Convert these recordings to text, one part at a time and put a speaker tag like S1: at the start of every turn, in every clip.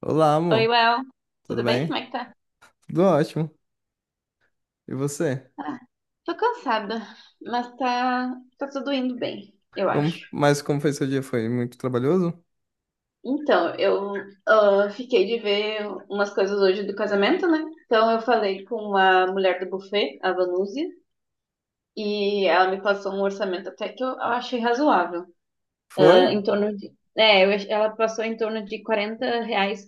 S1: Olá,
S2: Oi,
S1: amor.
S2: Well.
S1: Tudo
S2: Tudo bem?
S1: bem?
S2: Como é que tá?
S1: Tudo ótimo. E você?
S2: Ah, tô cansada, mas tá, tá tudo indo bem, eu
S1: Como,
S2: acho.
S1: mas como foi seu dia? Foi muito trabalhoso?
S2: Então, eu fiquei de ver umas coisas hoje do casamento, né? Então, eu falei com a mulher do buffet, a Vanúzia, e ela me passou um orçamento até que eu achei razoável.
S1: Foi?
S2: Ah, em torno de. Ela passou em torno de R$ 40,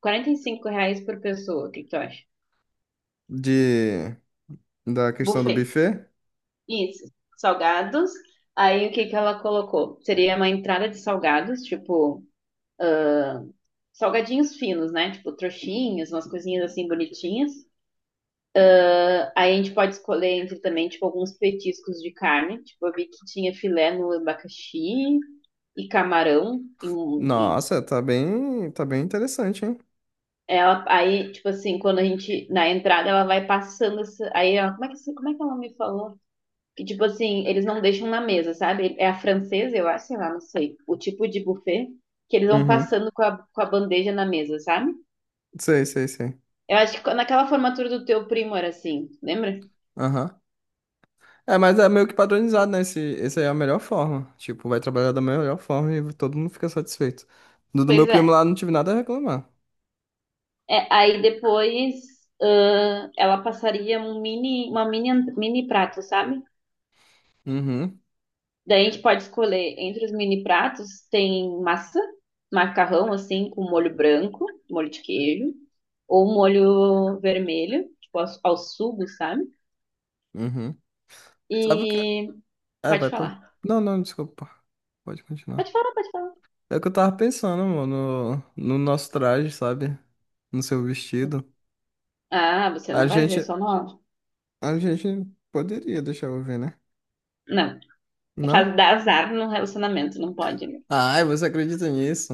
S2: R$ 45 por pessoa, o que que tu acha?
S1: De da questão do
S2: Buffet.
S1: buffet?
S2: Isso, salgados. Aí, o que que ela colocou? Seria uma entrada de salgados, tipo, salgadinhos finos, né? Tipo, trouxinhas, umas coisinhas assim bonitinhas. Ah, aí a gente pode escolher entre também, tipo, alguns petiscos de carne. Tipo, eu vi que tinha filé no abacaxi e camarão. E
S1: Nossa, tá bem interessante, hein?
S2: ela, aí, tipo assim, quando a gente, na entrada, ela vai passando. Aí, ela, como é que ela me falou? Que, tipo assim, eles não deixam na mesa, sabe? É a francesa, eu acho, sei lá, não sei. O tipo de buffet que eles vão
S1: Uhum.
S2: passando com a bandeja na mesa, sabe?
S1: Sei, sei, sei.
S2: Eu acho que naquela formatura do teu primo era assim, lembra?
S1: Aham. É, mas é meio que padronizado, né? Esse aí é a melhor forma. Tipo, vai trabalhar da melhor forma e todo mundo fica satisfeito. Do meu
S2: Pois é.
S1: primo lá, não tive nada a reclamar.
S2: É, aí depois, ela passaria um mini, uma mini, ant- mini prato, sabe?
S1: Uhum,
S2: Daí a gente pode escolher entre os mini pratos, tem massa, macarrão assim, com molho branco, molho de queijo, ou molho vermelho, tipo ao, ao sugo, sabe?
S1: uhum. Sabe o que? É,
S2: E
S1: é,
S2: pode
S1: vai, pô.
S2: falar.
S1: Não, não, desculpa. Pode continuar.
S2: Pode falar, pode falar.
S1: É o que eu tava pensando, mano, no nosso traje, sabe? No seu vestido.
S2: Ah, você
S1: A
S2: não vai ver só
S1: gente,
S2: no áudio.
S1: a gente poderia deixar eu ver, né?
S2: Não. É.
S1: Não?
S2: Faz dar azar no relacionamento, não pode, né?
S1: Ai, você acredita nisso?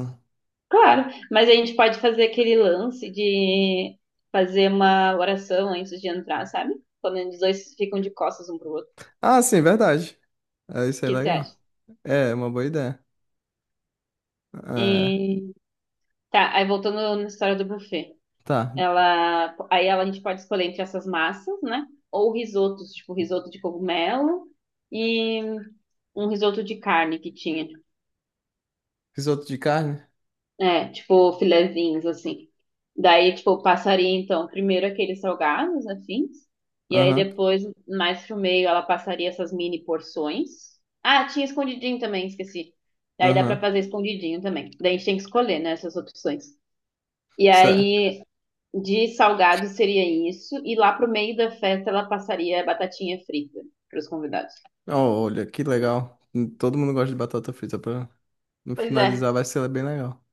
S2: Claro, mas a gente pode fazer aquele lance de fazer uma oração antes de entrar, sabe? Quando os dois ficam de costas um pro outro.
S1: Ah, sim, verdade. É,
S2: O
S1: isso é
S2: que você
S1: legal.
S2: acha?
S1: É, é uma boa ideia. É,
S2: E tá, aí voltando na história do buffet.
S1: tá.
S2: A gente pode escolher entre essas massas, né? Ou risotos, tipo risoto de cogumelo e um risoto de carne que tinha.
S1: Risoto de carne?
S2: É, tipo, filezinhos, assim. Daí, tipo, passaria, então, primeiro aqueles salgados, afins. E aí,
S1: Aham,
S2: depois, mais pro meio, ela passaria essas mini porções. Ah, tinha escondidinho também, esqueci. Daí dá pra
S1: aham.
S2: fazer escondidinho também. Daí a gente tem que escolher, né, essas opções. E
S1: Certo.
S2: aí, de salgado seria isso. E lá pro meio da festa, ela passaria batatinha frita pros convidados.
S1: Ó, olha, que legal. Todo mundo gosta de batata frita pra no
S2: Pois
S1: finalizar
S2: é.
S1: vai ser bem legal.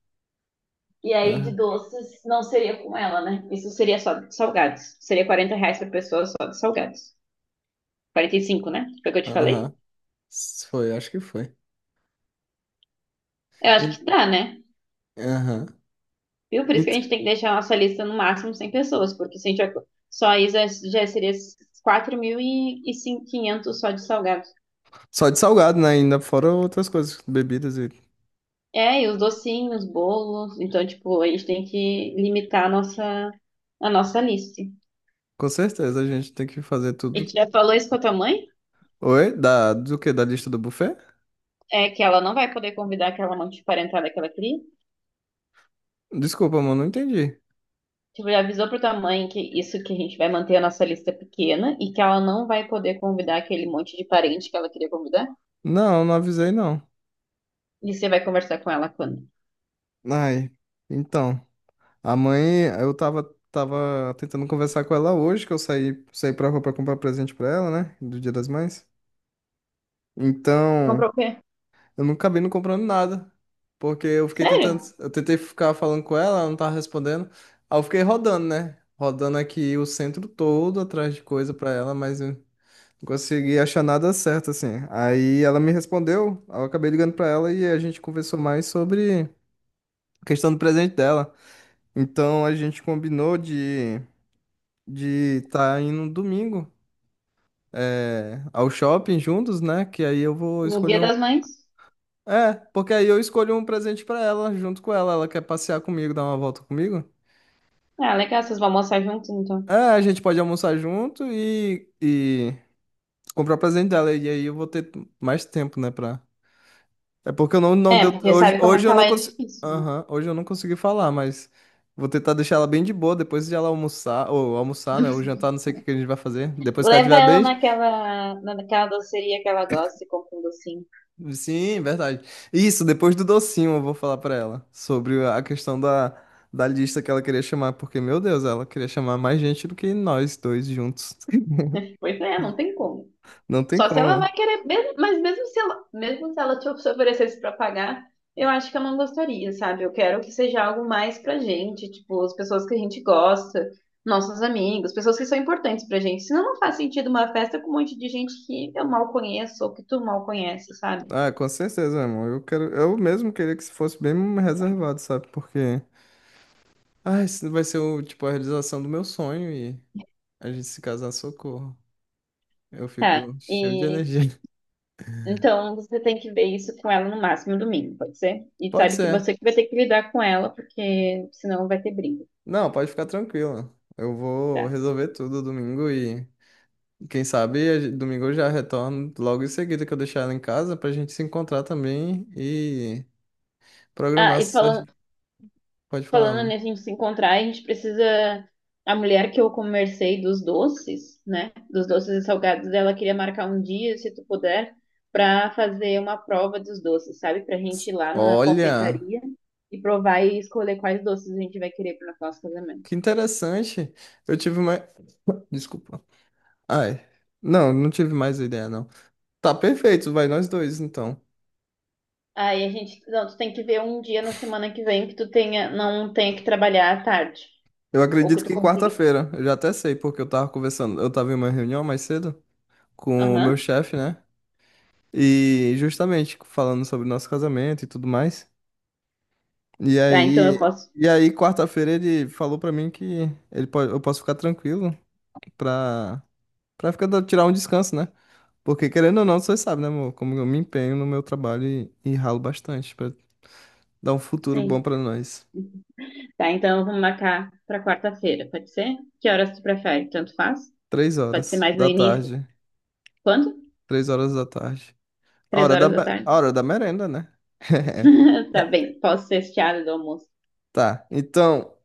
S2: E aí, de
S1: Aham,
S2: doces, não seria com ela, né? Isso seria só de salgados. Seria R$ 40 por pessoa só de salgados. 45, né? Foi o que eu te falei?
S1: aham. S- foi, acho que foi.
S2: Eu acho que
S1: E-
S2: dá, né?
S1: aham.
S2: Viu? Por isso que a gente tem que deixar a nossa lista no máximo 100 pessoas, porque se a gente ac- só isso já já seria 4.500 só de salgados.
S1: Só de salgado, né? Ainda fora outras coisas, bebidas e.
S2: É, e os docinhos, bolos. Então, tipo, a gente tem que limitar a nossa lista.
S1: Com certeza a gente tem que fazer
S2: E
S1: tudo.
S2: gente já falou isso com a tua mãe?
S1: Oi? Da... Do quê? Da lista do buffet?
S2: É que ela não vai poder convidar aquela monte de parentada que ela queria?
S1: Desculpa, mano, não entendi.
S2: Tipo, já avisou pra tua mãe que isso que a gente vai manter a nossa lista pequena e que ela não vai poder convidar aquele monte de parente que ela queria convidar?
S1: Não, não avisei, não.
S2: E você vai conversar com ela quando?
S1: Ai, então. A mãe, tava tentando conversar com ela hoje, que eu saí pra rua pra comprar presente pra ela, né? Do Dia das Mães. Então.
S2: Comprou o quê?
S1: Eu nunca vi não comprando nada. Porque eu fiquei tentando.
S2: Sério?
S1: Eu tentei ficar falando com ela, ela não tava respondendo. Aí eu fiquei rodando, né? Rodando aqui o centro todo atrás de coisa pra ela, mas eu não consegui achar nada certo, assim. Aí ela me respondeu, aí eu acabei ligando pra ela e a gente conversou mais sobre a questão do presente dela. Então a gente combinou de estar tá indo no domingo. É, ao shopping juntos, né? Que aí eu vou
S2: No
S1: escolher.
S2: Dia das Mães?
S1: É, porque aí eu escolho um presente pra ela junto com ela. Ela quer passear comigo, dar uma volta comigo?
S2: Ah, legal, vocês vão almoçar juntos, então.
S1: É, a gente pode almoçar junto e comprar o presente dela. E aí eu vou ter mais tempo, né, pra... É porque eu não
S2: É,
S1: deu...
S2: porque
S1: Hoje,
S2: sabe como é
S1: hoje
S2: que
S1: eu não
S2: ela é
S1: consegui...
S2: difícil, né?
S1: Aham, hoje eu não consegui falar, mas vou tentar deixar ela bem de boa depois de ela almoçar, ou almoçar, né, ou jantar, não sei o que que a gente vai fazer. Depois que ela
S2: Leva
S1: estiver
S2: ela
S1: bem.
S2: naquela, naquela doceria que ela gosta e compra um docinho.
S1: Sim, verdade. Isso, depois do docinho eu vou falar pra ela sobre a questão da lista que ela queria chamar, porque, meu Deus, ela queria chamar mais gente do que nós dois juntos.
S2: Pois é, não tem como.
S1: Não tem
S2: Só se ela
S1: como,
S2: vai
S1: né?
S2: querer, mas mesmo se ela te oferecesse para pagar, eu acho que eu não gostaria, sabe? Eu quero que seja algo mais pra gente, tipo, as pessoas que a gente gosta, nossos amigos, pessoas que são importantes pra gente. Senão não faz sentido uma festa com um monte de gente que eu mal conheço ou que tu mal conhece, sabe?
S1: Ah, com certeza, meu irmão. Eu quero, eu mesmo queria que se fosse bem reservado, sabe? Porque, ah, isso vai ser o, tipo, a realização do meu sonho e a gente se casar, socorro. Eu
S2: Tá,
S1: fico cheio de
S2: e
S1: energia.
S2: então você tem que ver isso com ela no máximo domingo, pode ser? E
S1: Pode
S2: sabe que
S1: ser.
S2: você que vai ter que lidar com ela, porque senão vai ter briga,
S1: Não, pode ficar tranquila. Eu vou
S2: tá?
S1: resolver tudo domingo e quem sabe a gen- domingo eu já retorno logo em seguida que eu deixar ela em casa pra gente se encontrar também e
S2: Ah,
S1: programar.
S2: e
S1: Cer-
S2: falando,
S1: pode falar,
S2: Falando
S1: amor.
S2: nisso, a gente se encontrar, a gente precisa. A mulher que eu conversei dos doces, né? Dos doces e salgados dela queria marcar um dia, se tu puder, pra fazer uma prova dos doces, sabe? Pra gente ir lá na
S1: Olha,
S2: confeitaria e provar e escolher quais doces a gente vai querer pro nosso casamento.
S1: que interessante. Eu tive mais. Desculpa. Ai. Não, não tive mais ideia, não. Tá perfeito, vai nós dois então.
S2: Aí a gente. Não, tu tem que ver um dia na semana que vem que tu tenha, não tenha que trabalhar à tarde.
S1: Eu
S2: Ou que
S1: acredito
S2: tu
S1: que
S2: consiga.
S1: quarta-feira. Eu já até sei, porque eu tava conversando. Eu tava em uma reunião mais cedo com o meu
S2: Aham.
S1: chefe, né? E justamente falando sobre o nosso casamento e tudo mais. E
S2: Tá, então
S1: aí,
S2: eu posso.
S1: e aí quarta-feira ele falou pra mim que eu posso ficar tranquilo pra, pra ficar, dando- tirar um descanso, né? Porque querendo ou não, você sabe, né, amor? Como eu me empenho no meu trabalho e ralo bastante pra dar um futuro bom
S2: Sim.
S1: pra nós.
S2: Tá, então vamos marcar para quarta-feira, pode ser? Que horas tu prefere? Tanto faz?
S1: Três
S2: Pode ser
S1: horas
S2: mais no
S1: da
S2: início.
S1: tarde.
S2: Quando?
S1: Três horas da tarde. A
S2: Três
S1: hora
S2: horas da
S1: a
S2: tarde.
S1: hora da merenda, né?
S2: Tá bem, posso ser estiada do almoço.
S1: Tá. Então,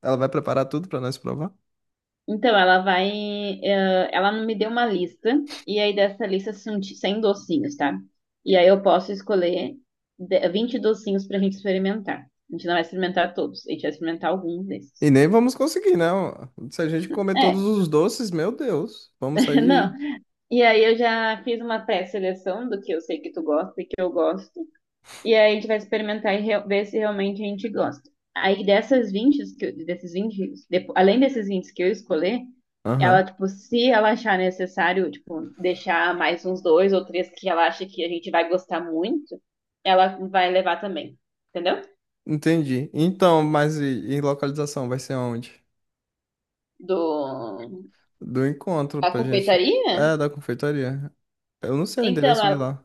S1: ela vai preparar tudo pra nós provar?
S2: Então, ela vai. Ela me deu uma lista, e aí dessa lista são de 100 docinhos, tá? E aí eu posso escolher 20 docinhos pra gente experimentar. A gente não vai experimentar todos, a gente vai experimentar alguns desses.
S1: E nem vamos conseguir, né? Se a gente comer todos
S2: É,
S1: os doces, meu Deus, vamos sair
S2: não.
S1: de.
S2: E aí eu já fiz uma pré-seleção do que eu sei que tu gosta e que eu gosto. E aí a gente vai experimentar e re- ver se realmente a gente gosta. Aí dessas 20 que eu- além desses 20 que eu escolher,
S1: Aham.
S2: ela, tipo, se ela achar necessário, tipo, deixar mais uns dois ou três que ela acha que a gente vai gostar muito, ela vai levar também. Entendeu?
S1: Entendi. Então, mas e localização vai ser onde?
S2: Do...
S1: Do encontro
S2: A
S1: pra gente.
S2: confeitaria?
S1: É, da confeitaria. Eu não sei o
S2: Então,
S1: endereço de
S2: ela,
S1: lá.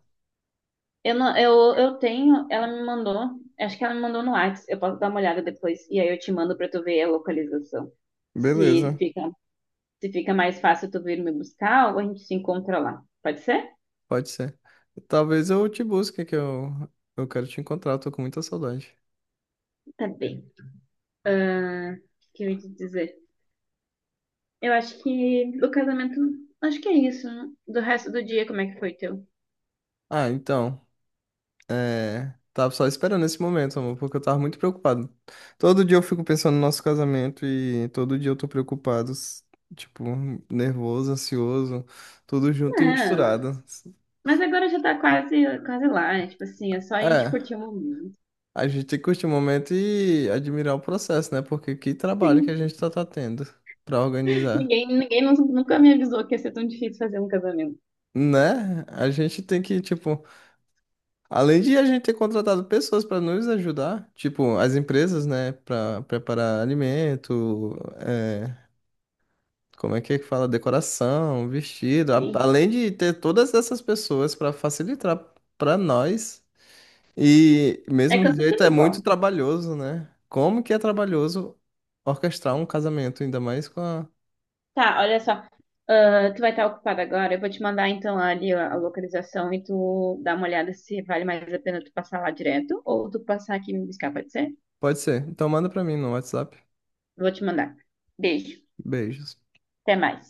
S2: eu, não, eu tenho, ela me mandou, acho que ela me mandou no Whats, eu posso dar uma olhada depois, e aí eu te mando pra tu ver a localização. Se
S1: Beleza,
S2: fica Se fica mais fácil tu vir me buscar ou a gente se encontra lá. Pode ser?
S1: pode ser. Talvez eu te busque, que eu quero te encontrar, eu tô com muita saudade.
S2: Tá bem. Ah, o que eu ia te dizer? Eu acho que o casamento. Acho que é isso, né? Do resto do dia, como é que foi teu?
S1: Ah, então, é, tava só esperando esse momento, amor, porque eu tava muito preocupado. Todo dia eu fico pensando no nosso casamento e todo dia eu tô preocupado, s- tipo, nervoso, ansioso, tudo junto e
S2: Não,
S1: misturado.
S2: mas agora já tá quase, quase lá. Tipo assim, é só a gente
S1: É.
S2: curtir o momento.
S1: A gente tem que curtir o momento e admirar o processo, né? Porque que trabalho que a
S2: Sim.
S1: gente tá tendo pra organizar,
S2: Nunca me avisou que ia ser tão difícil fazer um casamento.
S1: né? A gente tem que, tipo, além de a gente ter contratado pessoas para nos ajudar, tipo, as empresas, né, para preparar alimento, é, como é que fala? Decoração, vestido, a-
S2: Sim.
S1: além de ter todas essas pessoas para facilitar para nós. E
S2: É
S1: mesmo jeito
S2: cansativo
S1: é muito
S2: igual.
S1: trabalhoso, né? Como que é trabalhoso orquestrar um casamento, ainda mais com a...
S2: Tá, olha só. Ah, tu vai estar ocupada agora. Eu vou te mandar então ali a localização e tu dá uma olhada se vale mais a pena tu passar lá direto ou tu passar aqui e me buscar, pode ser?
S1: Pode ser. Então manda pra mim no WhatsApp.
S2: Vou te mandar. Beijo.
S1: Beijos.
S2: Até mais.